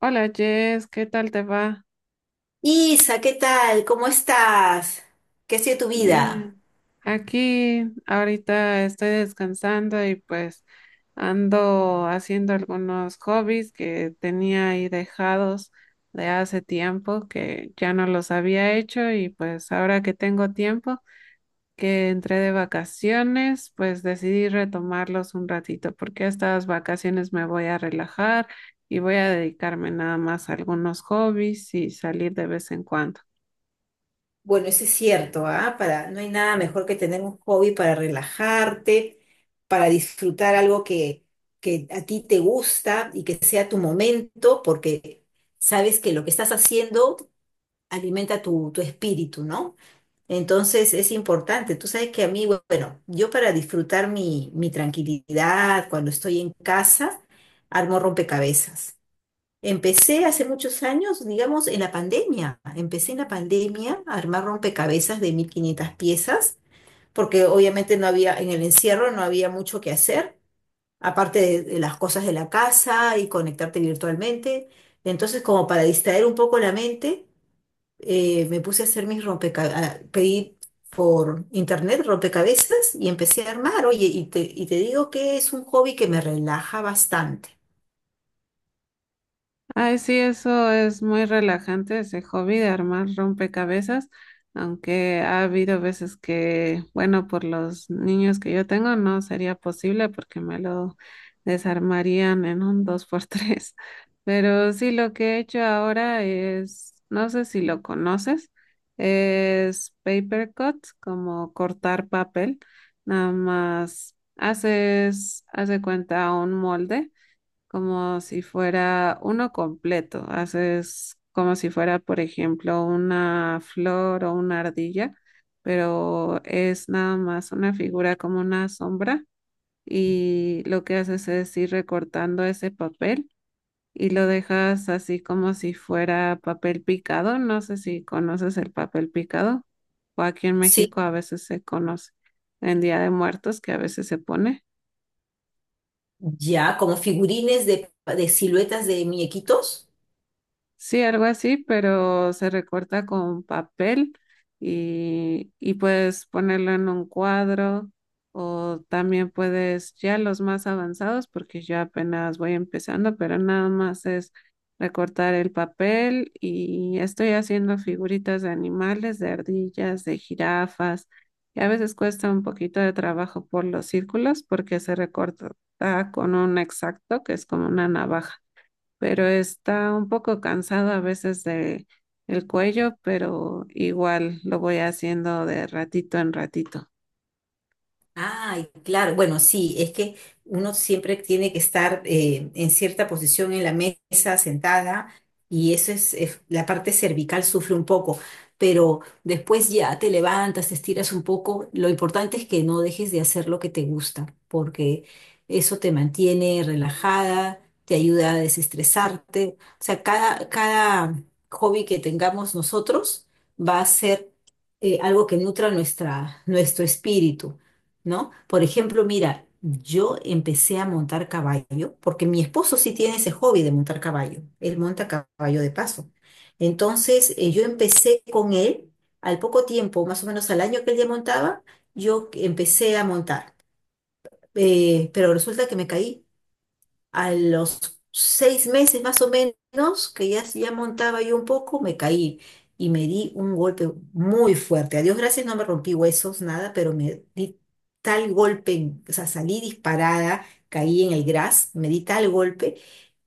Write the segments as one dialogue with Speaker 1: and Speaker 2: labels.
Speaker 1: Hola Jess, ¿qué tal te va?
Speaker 2: Isa, ¿qué tal? ¿Cómo estás? ¿Qué ha sido tu vida?
Speaker 1: Bien. Aquí ahorita estoy descansando y pues ando haciendo algunos hobbies que tenía ahí dejados de hace tiempo que ya no los había hecho y pues ahora que tengo tiempo que entré de vacaciones, pues decidí retomarlos un ratito porque estas vacaciones me voy a relajar y voy a dedicarme nada más a algunos hobbies y salir de vez en cuando.
Speaker 2: Bueno, eso es cierto, ¿ah? No hay nada mejor que tener un hobby para relajarte, para disfrutar algo que a ti te gusta y que sea tu momento, porque sabes que lo que estás haciendo alimenta tu espíritu, ¿no? Entonces es importante. Tú sabes que a mí, bueno, yo para disfrutar mi tranquilidad cuando estoy en casa, armo rompecabezas. Empecé hace muchos años, digamos, en la pandemia. Empecé en la pandemia a armar rompecabezas de 1500 piezas, porque obviamente no había, en el encierro no había mucho que hacer, aparte de las cosas de la casa y conectarte virtualmente. Entonces, como para distraer un poco la mente, me puse a hacer mis rompecabezas, pedí por internet rompecabezas y empecé a armar. Oye, y te digo que es un hobby que me relaja bastante.
Speaker 1: Ay, sí, eso es muy relajante, ese hobby de armar rompecabezas, aunque ha habido veces que, bueno, por los niños que yo tengo no sería posible porque me lo desarmarían en un dos por tres. Pero sí, lo que he hecho ahora es, no sé si lo conoces, es paper cut, como cortar papel. Nada más haces, hace cuenta un molde como si fuera uno completo. Haces como si fuera, por ejemplo, una flor o una ardilla, pero es nada más una figura como una sombra y lo que haces es ir recortando ese papel y lo dejas así como si fuera papel picado. No sé si conoces el papel picado o aquí en
Speaker 2: Sí.
Speaker 1: México a veces se conoce en Día de Muertos que a veces se pone.
Speaker 2: Ya, como figurines de siluetas de muñequitos.
Speaker 1: Sí, algo así, pero se recorta con papel y puedes ponerlo en un cuadro o también puedes, ya los más avanzados, porque yo apenas voy empezando, pero nada más es recortar el papel y estoy haciendo figuritas de animales, de ardillas, de jirafas y a veces cuesta un poquito de trabajo por los círculos porque se recorta con un exacto, que es como una navaja pero está un poco cansado a veces de el cuello, pero igual lo voy haciendo de ratito en ratito.
Speaker 2: Ay, claro, bueno, sí, es que uno siempre tiene que estar en cierta posición en la mesa, sentada, y eso es la parte cervical sufre un poco, pero después ya te levantas, te estiras un poco, lo importante es que no dejes de hacer lo que te gusta, porque eso te mantiene relajada, te ayuda a desestresarte, o sea, cada hobby que tengamos nosotros va a ser algo que nutra nuestro espíritu. ¿No? Por ejemplo, mira, yo empecé a montar caballo porque mi esposo sí tiene ese hobby de montar caballo. Él monta caballo de paso. Entonces, yo empecé con él al poco tiempo, más o menos al año que él ya montaba, yo empecé a montar. Pero resulta que me caí. A los 6 meses más o menos, que ya montaba yo un poco, me caí y me di un golpe muy fuerte. A Dios gracias, no me rompí huesos, nada, pero me di tal golpe, o sea, salí disparada, caí en el gras, me di tal golpe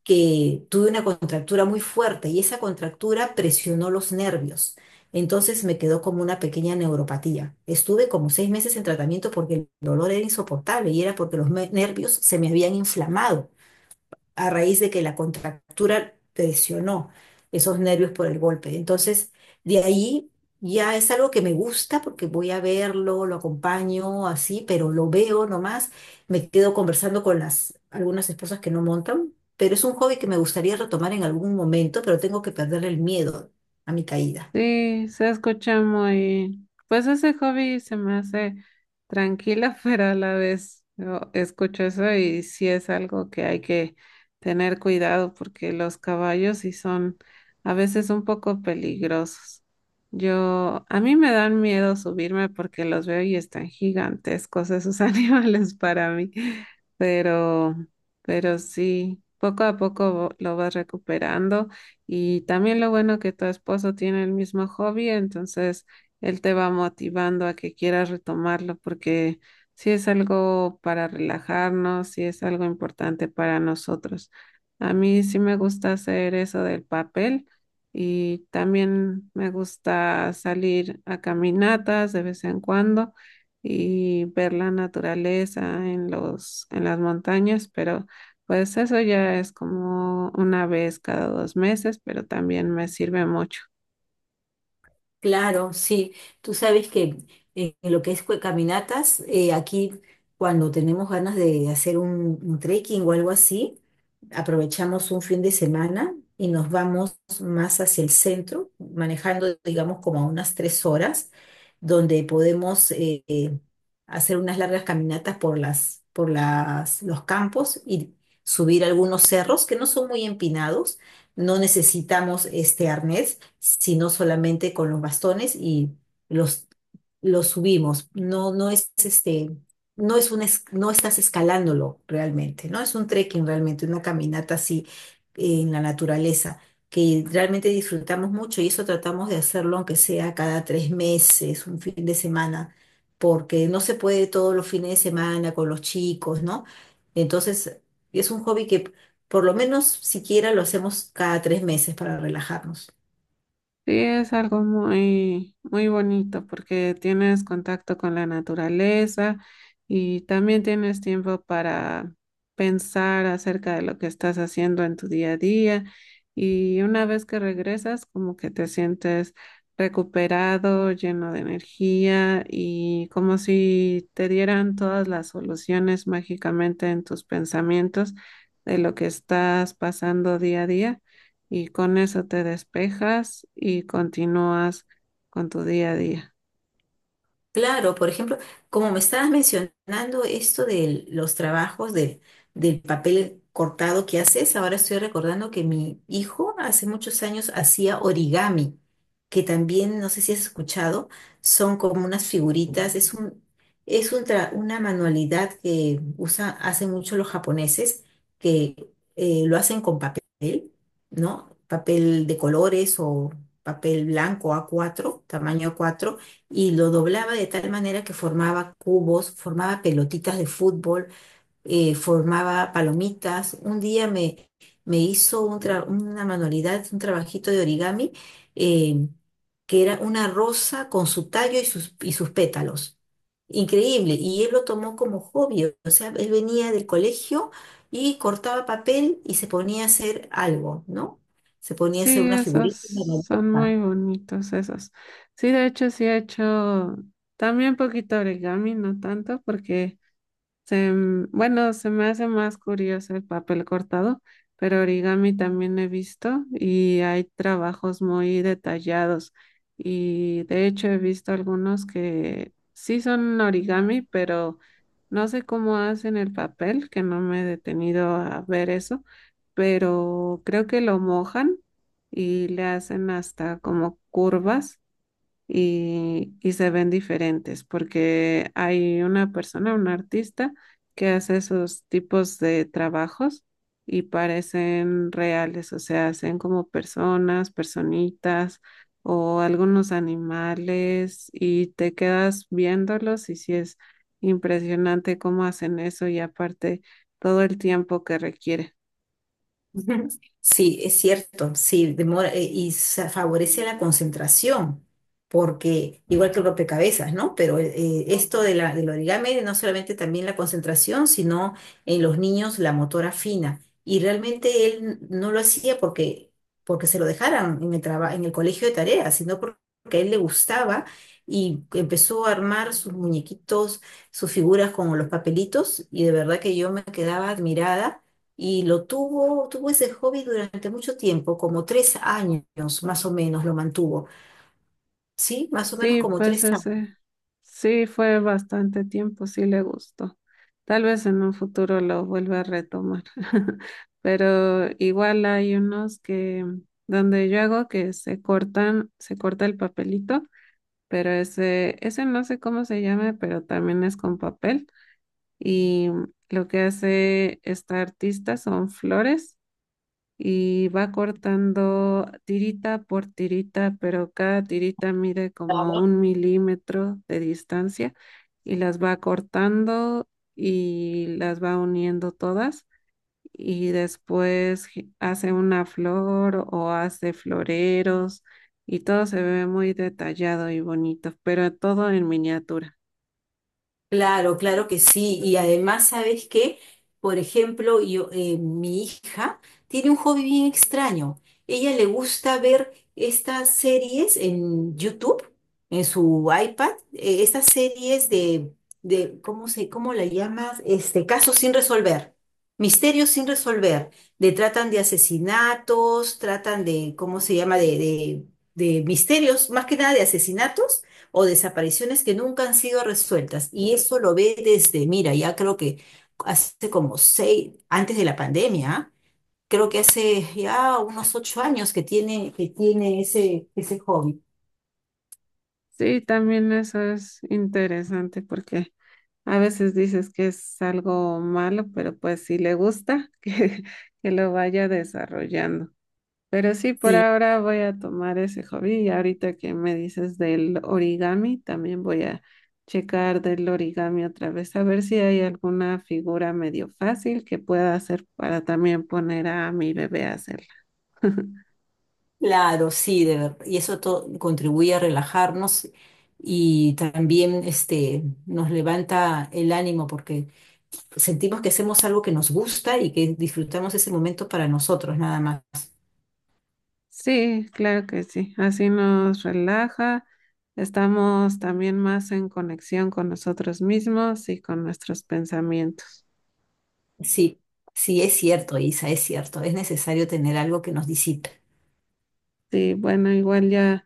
Speaker 2: que tuve una contractura muy fuerte y esa contractura presionó los nervios. Entonces me quedó como una pequeña neuropatía. Estuve como 6 meses en tratamiento porque el dolor era insoportable y era porque nervios se me habían inflamado a raíz de que la contractura presionó esos nervios por el golpe. Entonces, de ahí ya es algo que me gusta porque voy a verlo, lo acompaño así, pero lo veo nomás, me quedo conversando con las algunas esposas que no montan, pero es un hobby que me gustaría retomar en algún momento, pero tengo que perderle el miedo a mi caída.
Speaker 1: Sí, se escucha muy, pues ese hobby se me hace tranquila, pero a la vez yo escucho eso y sí es algo que hay que tener cuidado porque los caballos sí son a veces un poco peligrosos. Yo, a mí me dan miedo subirme porque los veo y están gigantescos esos animales para mí, pero, pero sí, poco a poco lo vas recuperando. Y también lo bueno que tu esposo tiene el mismo hobby, entonces él te va motivando a que quieras retomarlo porque sí es algo para relajarnos, sí es algo importante para nosotros. A mí sí me gusta hacer eso del papel y también me gusta salir a caminatas de vez en cuando y ver la naturaleza en las montañas, pero pues eso ya es como una vez cada dos meses, pero también me sirve mucho.
Speaker 2: Claro, sí. Tú sabes que en lo que es caminatas, aquí cuando tenemos ganas de hacer un trekking o algo así, aprovechamos un fin de semana y nos vamos más hacia el centro, manejando, digamos, como a unas 3 horas, donde podemos hacer unas largas caminatas por los campos y subir algunos cerros que no son muy empinados, no necesitamos este arnés, sino solamente con los bastones y los, los subimos. No, no es este, no es un, no estás escalándolo realmente, no es un trekking realmente, una caminata así en la naturaleza que realmente disfrutamos mucho, y eso tratamos de hacerlo aunque sea cada 3 meses, un fin de semana, porque no se puede todos los fines de semana con los chicos, ¿no? Entonces, es un hobby que por lo menos siquiera lo hacemos cada 3 meses para relajarnos.
Speaker 1: Sí, es algo muy, muy bonito porque tienes contacto con la naturaleza y también tienes tiempo para pensar acerca de lo que estás haciendo en tu día a día y una vez que regresas como que te sientes recuperado, lleno de energía y como si te dieran todas las soluciones mágicamente en tus pensamientos de lo que estás pasando día a día y con eso te despejas y continúas con tu día a día.
Speaker 2: Claro, por ejemplo, como me estabas mencionando esto de los trabajos del papel cortado que haces, ahora estoy recordando que mi hijo hace muchos años hacía origami, que también, no sé si has escuchado, son como unas figuritas, es es una manualidad que usa, hacen mucho los japoneses, que lo hacen con papel, ¿no? Papel de colores o papel blanco A4, tamaño A4, y lo doblaba de tal manera que formaba cubos, formaba pelotitas de fútbol, formaba palomitas. Un día me hizo una manualidad, un trabajito de origami, eh, que era una rosa con su tallo y sus pétalos. Increíble. Y él lo tomó como hobby. O sea, él venía del colegio y cortaba papel y se ponía a hacer algo, ¿no? Se ponía a
Speaker 1: Sí,
Speaker 2: hacer una
Speaker 1: esos
Speaker 2: figurita, una
Speaker 1: son muy
Speaker 2: maleta.
Speaker 1: bonitos esos. Sí, de hecho, sí he hecho también poquito origami, no tanto porque bueno, se me hace más curioso el papel cortado, pero origami también he visto y hay trabajos muy detallados y de hecho he visto algunos que sí son origami, pero no sé cómo hacen el papel, que no me he detenido a ver eso, pero creo que lo mojan y le hacen hasta como curvas y se ven diferentes porque hay una persona, un artista que hace esos tipos de trabajos y parecen reales, o sea, hacen como personas, personitas o algunos animales y te quedas viéndolos y sí es impresionante cómo hacen eso y aparte todo el tiempo que requiere.
Speaker 2: Ujú. Sí, es cierto, sí, demora y se favorece la concentración, porque igual que el rompecabezas, ¿no? Pero esto de del origami no solamente también la concentración, sino en los niños la motora fina. Y realmente él no lo hacía porque se lo dejaran en el en el colegio de tareas, porque a él le gustaba y empezó a armar sus muñequitos, sus figuras con los papelitos, y de verdad que yo me quedaba admirada y tuvo ese hobby durante mucho tiempo, como 3 años más o menos lo mantuvo, ¿sí? Más o menos
Speaker 1: Sí,
Speaker 2: como
Speaker 1: pues
Speaker 2: 3 años.
Speaker 1: ese, sí fue bastante tiempo, sí le gustó. Tal vez en un futuro lo vuelva a retomar, pero igual hay unos que donde yo hago que se cortan, se corta el papelito, pero ese no sé cómo se llama, pero también es con papel y lo que hace esta artista son flores y va cortando tirita por tirita, pero cada tirita mide como un milímetro de distancia y las va cortando y las va uniendo todas y después hace una flor o hace floreros y todo se ve muy detallado y bonito, pero todo en miniatura.
Speaker 2: Claro, claro que sí. Y además, ¿sabes qué? Por ejemplo, mi hija tiene un hobby bien extraño. Ella le gusta ver estas series en YouTube, en su iPad, estas series de, ¿cómo cómo la llamas? Este, casos sin resolver, misterios sin resolver. De tratan de asesinatos, tratan de, ¿cómo se llama? De misterios, más que nada de asesinatos o desapariciones que nunca han sido resueltas. Y eso lo ve desde, mira, ya creo que hace como seis, antes de la pandemia, ¿ah? Creo que hace ya unos 8 años que que tiene ese hobby.
Speaker 1: Sí, también eso es interesante porque a veces dices que es algo malo, pero pues si le gusta, que lo vaya desarrollando. Pero sí, por
Speaker 2: Sí,
Speaker 1: ahora voy a tomar ese hobby y ahorita que me dices del origami, también voy a checar del origami otra vez, a ver si hay alguna figura medio fácil que pueda hacer para también poner a mi bebé a hacerla.
Speaker 2: claro, sí, de verdad. Y eso contribuye a relajarnos y también este, nos levanta el ánimo porque sentimos que hacemos algo que nos gusta y que disfrutamos ese momento para nosotros, nada más.
Speaker 1: Sí, claro que sí. Así nos relaja, estamos también más en conexión con nosotros mismos y con nuestros pensamientos.
Speaker 2: Sí, sí, es cierto, Isa, es cierto. Es necesario tener algo que nos disipe.
Speaker 1: Sí, bueno, igual ya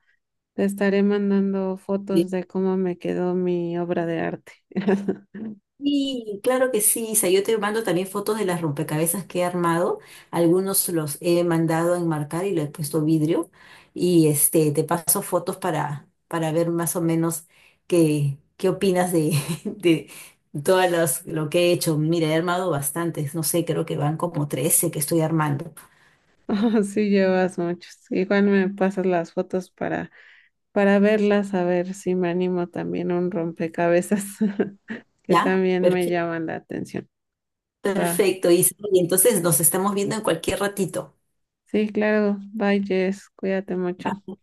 Speaker 1: te estaré mandando
Speaker 2: Sí.
Speaker 1: fotos de cómo me quedó mi obra de arte.
Speaker 2: Sí, claro que sí, Isa. Yo te mando también fotos de las rompecabezas que he armado. Algunos los he mandado a enmarcar y le he puesto vidrio. Y este, te paso fotos para ver más o menos qué opinas de, de lo que he hecho. Mira, he armado bastantes. No sé, creo que van como 13 que estoy armando.
Speaker 1: Oh, sí, llevas muchos. Igual me pasas las fotos para verlas, a ver si me animo también a un rompecabezas que
Speaker 2: ¿Ya?
Speaker 1: también me
Speaker 2: Perfecto,
Speaker 1: llaman la atención. Va.
Speaker 2: perfecto, Isa. Y entonces nos estamos viendo en cualquier ratito.
Speaker 1: Sí, claro. Bye, Jess. Cuídate mucho.
Speaker 2: Bye.